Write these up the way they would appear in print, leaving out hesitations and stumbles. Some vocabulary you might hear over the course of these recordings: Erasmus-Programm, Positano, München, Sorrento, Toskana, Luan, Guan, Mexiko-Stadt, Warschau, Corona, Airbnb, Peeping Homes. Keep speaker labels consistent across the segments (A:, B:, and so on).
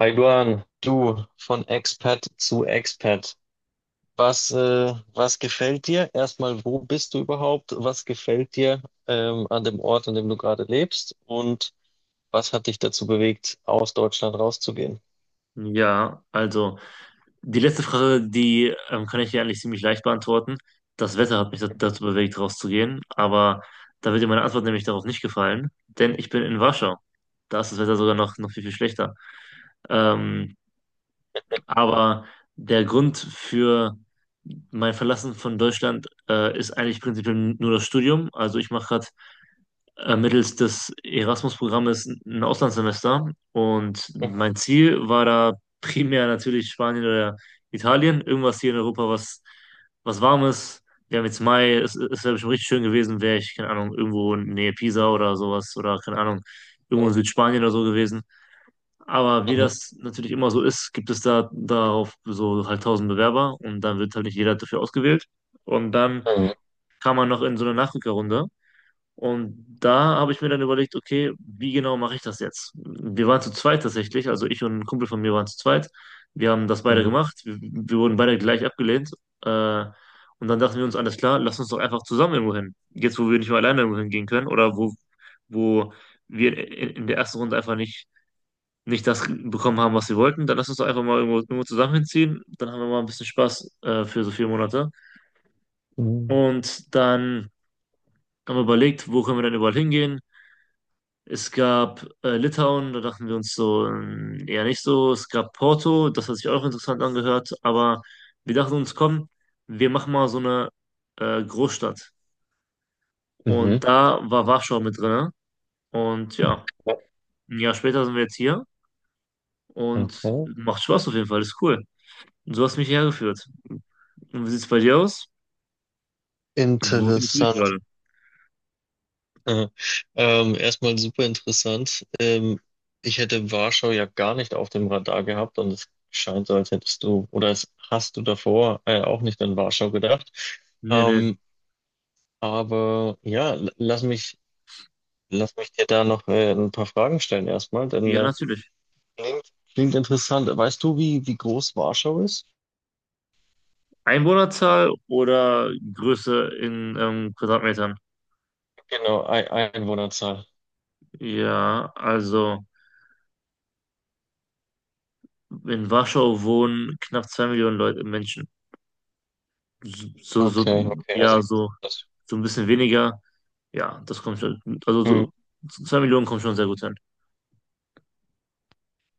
A: Hi Guan, du von Expat zu Expat. Was, was gefällt dir? Erstmal, wo bist du überhaupt? Was gefällt dir an dem Ort, an dem du gerade lebst? Und was hat dich dazu bewegt, aus Deutschland rauszugehen?
B: Ja, also die letzte Frage, die kann ich dir eigentlich ziemlich leicht beantworten. Das Wetter hat mich dazu bewegt, rauszugehen, aber da wird dir meine Antwort nämlich darauf nicht gefallen, denn ich bin in Warschau. Da ist das Wetter sogar noch viel, viel schlechter. Ähm, aber der Grund für mein Verlassen von Deutschland ist eigentlich prinzipiell nur das Studium. Also ich mache gerade mittels des Erasmus-Programmes ein Auslandssemester. Und
A: Mhm.
B: mein Ziel war da primär natürlich Spanien oder Italien, irgendwas hier in Europa, was warm ist. Wir haben jetzt Mai, es wäre bestimmt richtig schön gewesen, wäre ich, keine Ahnung, irgendwo in Nähe Pisa oder sowas oder keine Ahnung, irgendwo in Südspanien oder so gewesen. Aber wie
A: Mhm.
B: das natürlich immer so ist, gibt es da darauf so halt tausend Bewerber und dann wird halt nicht jeder dafür ausgewählt. Und dann
A: Mhm.
B: kam man noch in so eine Nachrückerrunde und da habe ich mir dann überlegt, okay, wie genau mache ich das jetzt? Wir waren zu zweit tatsächlich, also ich und ein Kumpel von mir waren zu zweit. Wir haben das beide
A: Mhm.
B: gemacht. Wir wurden beide gleich abgelehnt. Äh, und dann dachten wir uns, alles klar, lass uns doch einfach zusammen irgendwo hin. Jetzt, wo wir nicht mehr alleine irgendwo hingehen können oder wo wir in der ersten Runde einfach nicht das bekommen haben, was wir wollten, dann lass uns doch einfach mal irgendwo zusammen hinziehen. Dann haben wir mal ein bisschen Spaß für so 4 Monate.
A: Mhm.
B: Und dann haben wir überlegt, wo können wir denn überall hingehen? Es gab Litauen, da dachten wir uns so, eher nicht so. Es gab Porto, das hat sich auch interessant angehört, aber wir dachten uns, komm, wir machen mal so eine Großstadt.
A: Mhm.
B: Und da war Warschau mit drin. Und ja,
A: Ja.
B: 1 Jahr später sind wir jetzt hier und
A: Okay.
B: macht Spaß auf jeden Fall, ist cool. Und so hast du mich hergeführt. Und wie sieht's bei dir aus? Wo findest du dich
A: Interessant.
B: gerade?
A: Aha. Erstmal super interessant. Ich hätte Warschau ja gar nicht auf dem Radar gehabt, und es scheint so, als hättest du oder als hast du davor auch nicht an Warschau gedacht.
B: Nee, nee.
A: Ähm, aber ja, lass mich dir da noch ein paar Fragen stellen erstmal, denn
B: Ja, natürlich.
A: klingt, klingt interessant. Weißt du, wie, wie groß Warschau ist?
B: Einwohnerzahl oder Größe in Quadratmetern?
A: Genau, Einwohnerzahl.
B: Ja, also. In Warschau wohnen knapp 2 Millionen Leute, Menschen. So, so,
A: Okay,
B: so,
A: okay,
B: ja,
A: also
B: so,
A: das.
B: so ein bisschen weniger. Ja, das kommt schon. Also
A: Hm,
B: so, 2 Millionen kommt schon sehr gut hin.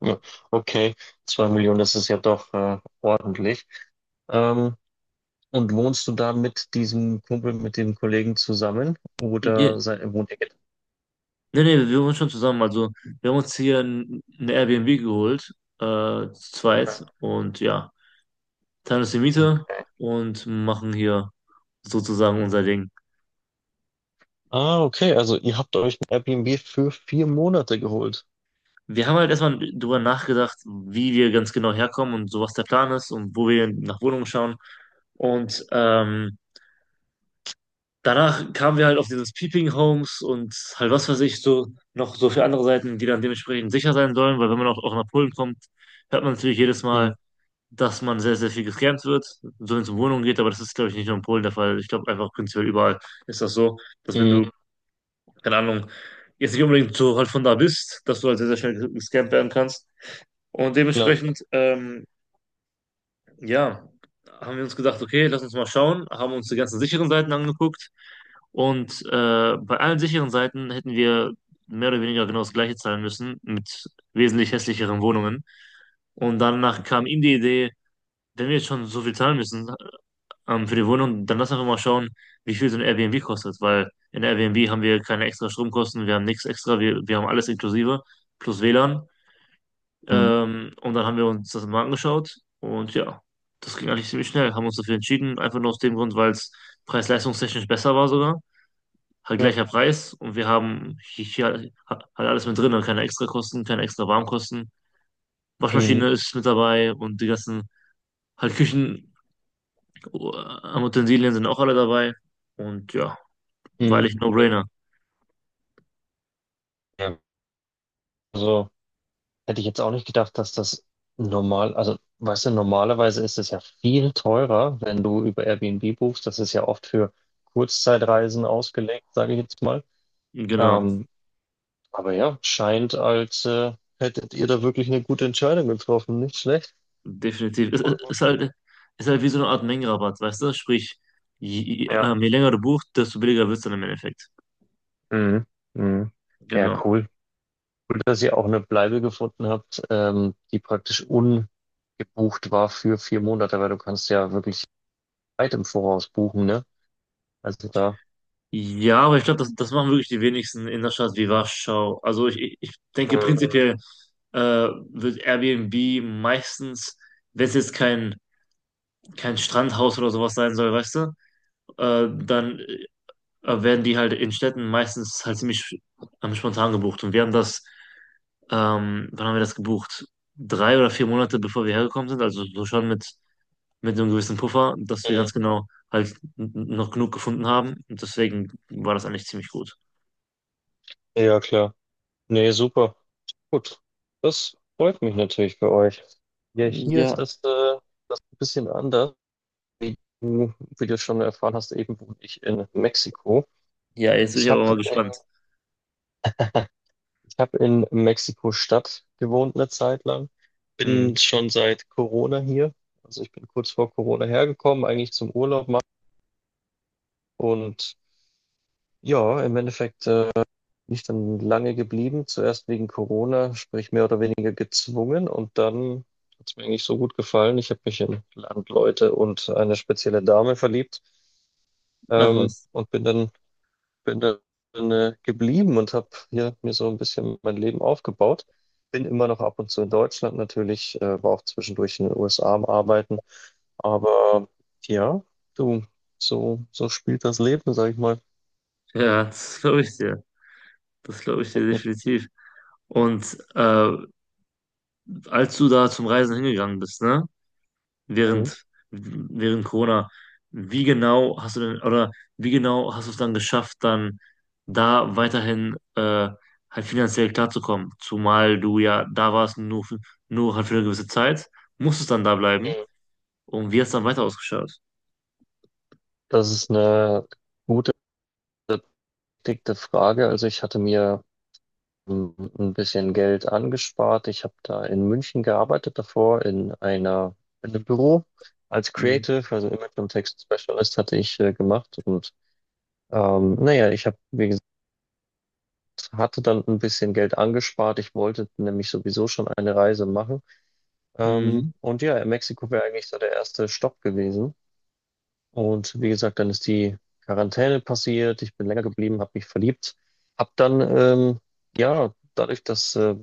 A: ja, okay, 2 Millionen, das ist ja doch ordentlich. Ähm, Und wohnst du da mit diesem Kumpel, mit dem Kollegen zusammen?
B: Ja,
A: Oder sei, wohnt ihr getrennt?
B: nee, nee, wir wohnen schon zusammen. Also wir haben uns hier eine Airbnb geholt, äh, zu zweit. Und ja, teilen uns die Miete
A: Okay.
B: und machen hier sozusagen unser Ding.
A: Ah, okay. Also ihr habt euch ein Airbnb für 4 Monate geholt.
B: Wir haben halt erstmal drüber nachgedacht, wie wir ganz genau herkommen und so, was der Plan ist und wo wir nach Wohnungen schauen. Und danach kamen wir halt auf dieses Peeping Homes und halt was weiß ich, so noch so für andere Seiten, die dann dementsprechend sicher sein sollen, weil wenn man auch nach Polen kommt, hört man natürlich jedes Mal,
A: Mhm.
B: dass man sehr, sehr viel gescammt wird, so wenn es um Wohnungen geht, aber das ist, glaube ich, nicht nur in Polen der Fall. Ich glaube einfach prinzipiell überall ist das so, dass wenn
A: Mhm.
B: du, keine Ahnung, jetzt nicht unbedingt so halt von da bist, dass du halt sehr, sehr schnell gescammt werden kannst. Und
A: Klar.
B: dementsprechend, ja, haben wir uns gedacht, okay, lass uns mal schauen, haben uns die ganzen sicheren Seiten angeguckt und bei allen sicheren Seiten hätten wir mehr oder weniger genau das gleiche zahlen müssen, mit wesentlich hässlicheren Wohnungen. Und danach kam ihm die Idee, wenn wir jetzt schon so viel zahlen müssen für die Wohnung, dann lass einfach mal schauen, wie viel so ein Airbnb kostet, weil in Airbnb haben wir keine extra Stromkosten, wir haben nichts extra, wir haben alles inklusive, plus WLAN.
A: Mhm.
B: Und dann haben wir uns das mal angeschaut und ja, das ging eigentlich ziemlich schnell, haben uns dafür entschieden, einfach nur aus dem Grund, weil es preis-leistungstechnisch besser war sogar halt
A: Ja.
B: gleicher Preis und wir haben hier, hier halt alles mit drin, also keine Extrakosten, keine extra Warmkosten.
A: Mhm.
B: Waschmaschine ist mit dabei und die ganzen halt Küchen Utensilien sind auch alle dabei und ja, weil
A: Mhm.
B: ich
A: Mhm.
B: No-Brainer.
A: Ja. Also hätte ich jetzt auch nicht gedacht, dass das normal, also weißt du, normalerweise ist es ja viel teurer, wenn du über Airbnb buchst. Das ist ja oft für Kurzzeitreisen ausgelegt, sage ich jetzt mal.
B: Genau,
A: Ähm, Aber ja, scheint, als hättet ihr da wirklich eine gute Entscheidung getroffen. Nicht schlecht.
B: definitiv. Ist halt ist halt wie so eine Art Mengenrabatt, weißt du? Sprich,
A: Ja.
B: je länger du buchst, desto billiger wird's dann im Endeffekt.
A: Mhm. Mhm. Ja,
B: Genau.
A: cool. Cool, dass ihr auch eine Bleibe gefunden habt, die praktisch ungebucht war für 4 Monate, weil du kannst ja wirklich weit im Voraus buchen, ne? Also da.
B: Ja, aber ich glaube, das machen wirklich die wenigsten in einer Stadt wie Warschau. Also ich denke
A: Mhm.
B: prinzipiell wird Airbnb meistens, wenn es jetzt kein Strandhaus oder sowas sein soll, weißt du, dann werden die halt in Städten meistens halt ziemlich spontan gebucht. Und wir haben wann haben wir das gebucht? Drei oder 4 Monate bevor wir hergekommen sind, also so schon mit so einem gewissen Puffer, dass wir
A: Mhm.
B: ganz genau halt noch genug gefunden haben. Und deswegen war das eigentlich ziemlich gut.
A: Ja, klar. Nee, super. Gut. Das freut mich natürlich für euch. Ja, hier ist
B: Ja,
A: das, das ein bisschen anders, wie du schon erfahren hast, eben wohne ich in Mexiko.
B: ja, jetzt bin ich
A: Ich habe
B: aber mal
A: in,
B: gespannt.
A: ich hab in Mexiko-Stadt gewohnt eine Zeit lang.
B: Mhm.
A: Bin schon seit Corona hier. Also ich bin kurz vor Corona hergekommen, eigentlich zum Urlaub machen. Und ja, im Endeffekt bin ich dann lange geblieben. Zuerst wegen Corona, sprich mehr oder weniger gezwungen. Und dann hat es mir eigentlich so gut gefallen. Ich habe mich in Landleute und eine spezielle Dame verliebt,
B: Ach was.
A: und bin dann geblieben und habe hier mir so ein bisschen mein Leben aufgebaut. Bin immer noch ab und zu in Deutschland natürlich, war auch zwischendurch in den USA am Arbeiten. Aber ja, du, so, so spielt das Leben, sag ich mal.
B: Ja, das glaube ich dir. Das glaube ich dir definitiv. Und als du da zum Reisen hingegangen bist, ne?
A: Mhm.
B: Während, während Corona, wie genau hast du denn, oder wie genau hast du es dann geschafft, dann da weiterhin halt finanziell klarzukommen? Zumal du ja da warst, nur, nur halt für eine gewisse Zeit, musstest dann da bleiben.
A: Mhm.
B: Und wie hast du dann weiter ausgeschaut?
A: Das ist eine gute, dicke Frage. Also ich hatte mir mm, ein bisschen Geld angespart. Ich habe da in München gearbeitet davor in einer, in einem Büro als
B: Mhm.
A: Creative, also Image und Text Specialist hatte ich gemacht und naja, ich habe wie gesagt, hatte dann ein bisschen Geld angespart. Ich wollte nämlich sowieso schon eine Reise machen.
B: Mhm.
A: Und ja, Mexiko wäre eigentlich so der erste Stopp gewesen. Und wie gesagt, dann ist die Quarantäne passiert. Ich bin länger geblieben, habe mich verliebt. Hab dann, ja, dadurch, dass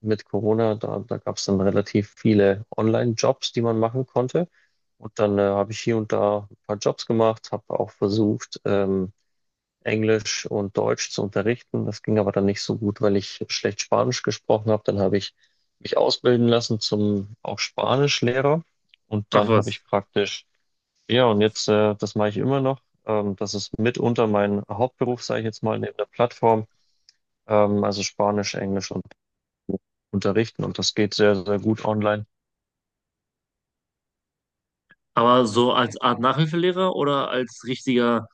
A: mit Corona, da, da gab es dann relativ viele Online-Jobs, die man machen konnte. Und dann habe ich hier und da ein paar Jobs gemacht, habe auch versucht, Englisch und Deutsch zu unterrichten. Das ging aber dann nicht so gut, weil ich schlecht Spanisch gesprochen habe. Dann habe ich mich ausbilden lassen zum auch Spanischlehrer und
B: Ach
A: dann habe
B: was.
A: ich praktisch, ja, und jetzt, das mache ich immer noch. Das ist mitunter mein Hauptberuf, sage ich jetzt mal, neben der Plattform. Also Spanisch, Englisch und unterrichten, und das geht sehr, sehr gut online.
B: Aber so als Art Nachhilfelehrer oder als richtiger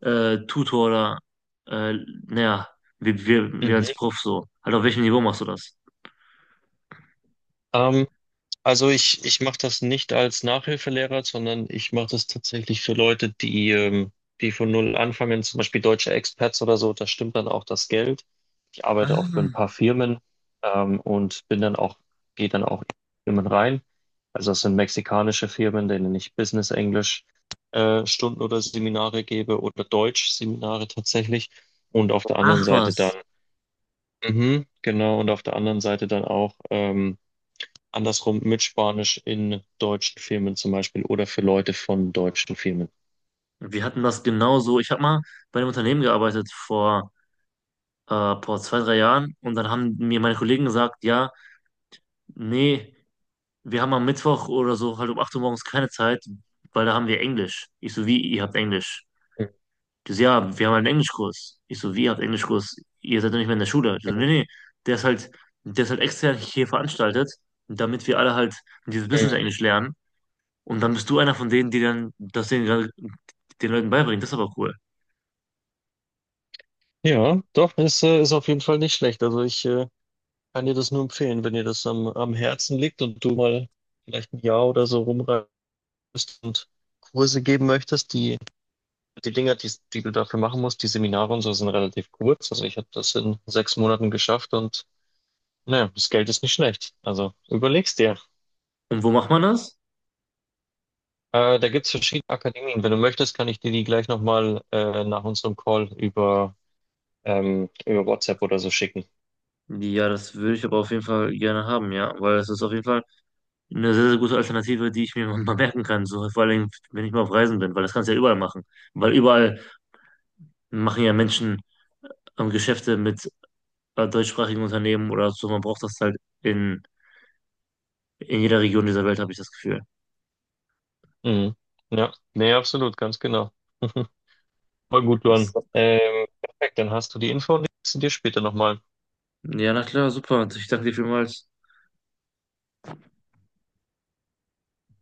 B: Tutor oder äh, naja, wie als
A: Mhm.
B: Prof so? Halt auf welchem Niveau machst du das?
A: Ähm, Also ich mache das nicht als Nachhilfelehrer, sondern ich mache das tatsächlich für Leute, die, die von null anfangen, zum Beispiel deutsche Expats oder so, da stimmt dann auch das Geld. Ich
B: Ah.
A: arbeite auch für ein paar Firmen, und bin dann auch, gehe dann auch in Firmen rein. Also das sind mexikanische Firmen, denen ich Business Englisch, Stunden oder Seminare gebe oder Deutsch-Seminare tatsächlich. Und auf der anderen
B: Ach
A: Seite dann,
B: was.
A: mhm, genau, und auf der anderen Seite dann auch, andersrum mit Spanisch in deutschen Filmen zum Beispiel oder für Leute von deutschen Filmen.
B: Wir hatten das genauso. Ich habe mal bei einem Unternehmen gearbeitet vor zwei, drei Jahren und dann haben mir meine Kollegen gesagt, ja, nee, wir haben am Mittwoch oder so halt um 8 Uhr morgens keine Zeit, weil da haben wir Englisch. Ich so, wie, ihr habt Englisch?
A: Mhm.
B: Die so, ja, wir haben halt einen Englischkurs. Ich so, wie, ihr habt Englischkurs? Ihr seid doch nicht mehr in der Schule. Die so, nee, nee, der ist halt, der ist halt extern hier veranstaltet, damit wir alle halt dieses Business
A: Mhm.
B: Englisch lernen. Und dann bist du einer von denen, die dann den Leuten beibringen. Das ist aber cool.
A: Ja, doch, ist, ist auf jeden Fall nicht schlecht. Also ich kann dir das nur empfehlen, wenn dir das am, am Herzen liegt und du mal vielleicht ein Jahr oder so rumreist und Kurse geben möchtest. Die, die Dinger, die, die du dafür machen musst, die Seminare und so sind relativ kurz. Also ich habe das in 6 Monaten geschafft und naja, das Geld ist nicht schlecht. Also überleg's dir.
B: Und wo macht man das?
A: Da gibt es verschiedene Akademien. Wenn du möchtest, kann ich dir die gleich nochmal nach unserem Call über, über WhatsApp oder so schicken.
B: Ja, das würde ich aber auf jeden Fall gerne haben, ja, weil es ist auf jeden Fall eine sehr, sehr gute Alternative, die ich mir mal merken kann, so vor allem, wenn ich mal auf Reisen bin, weil das kannst du ja überall machen, weil überall machen ja Menschen Geschäfte mit bei deutschsprachigen Unternehmen oder so. Man braucht das halt in, in jeder Region dieser Welt, habe ich das Gefühl.
A: Mhm. Ja, nee, absolut, ganz genau. Voll gut,
B: Das,
A: Luan. Perfekt, dann hast du die Info und liest sie dir später nochmal.
B: Ja, na klar, super. Ich danke dir vielmals.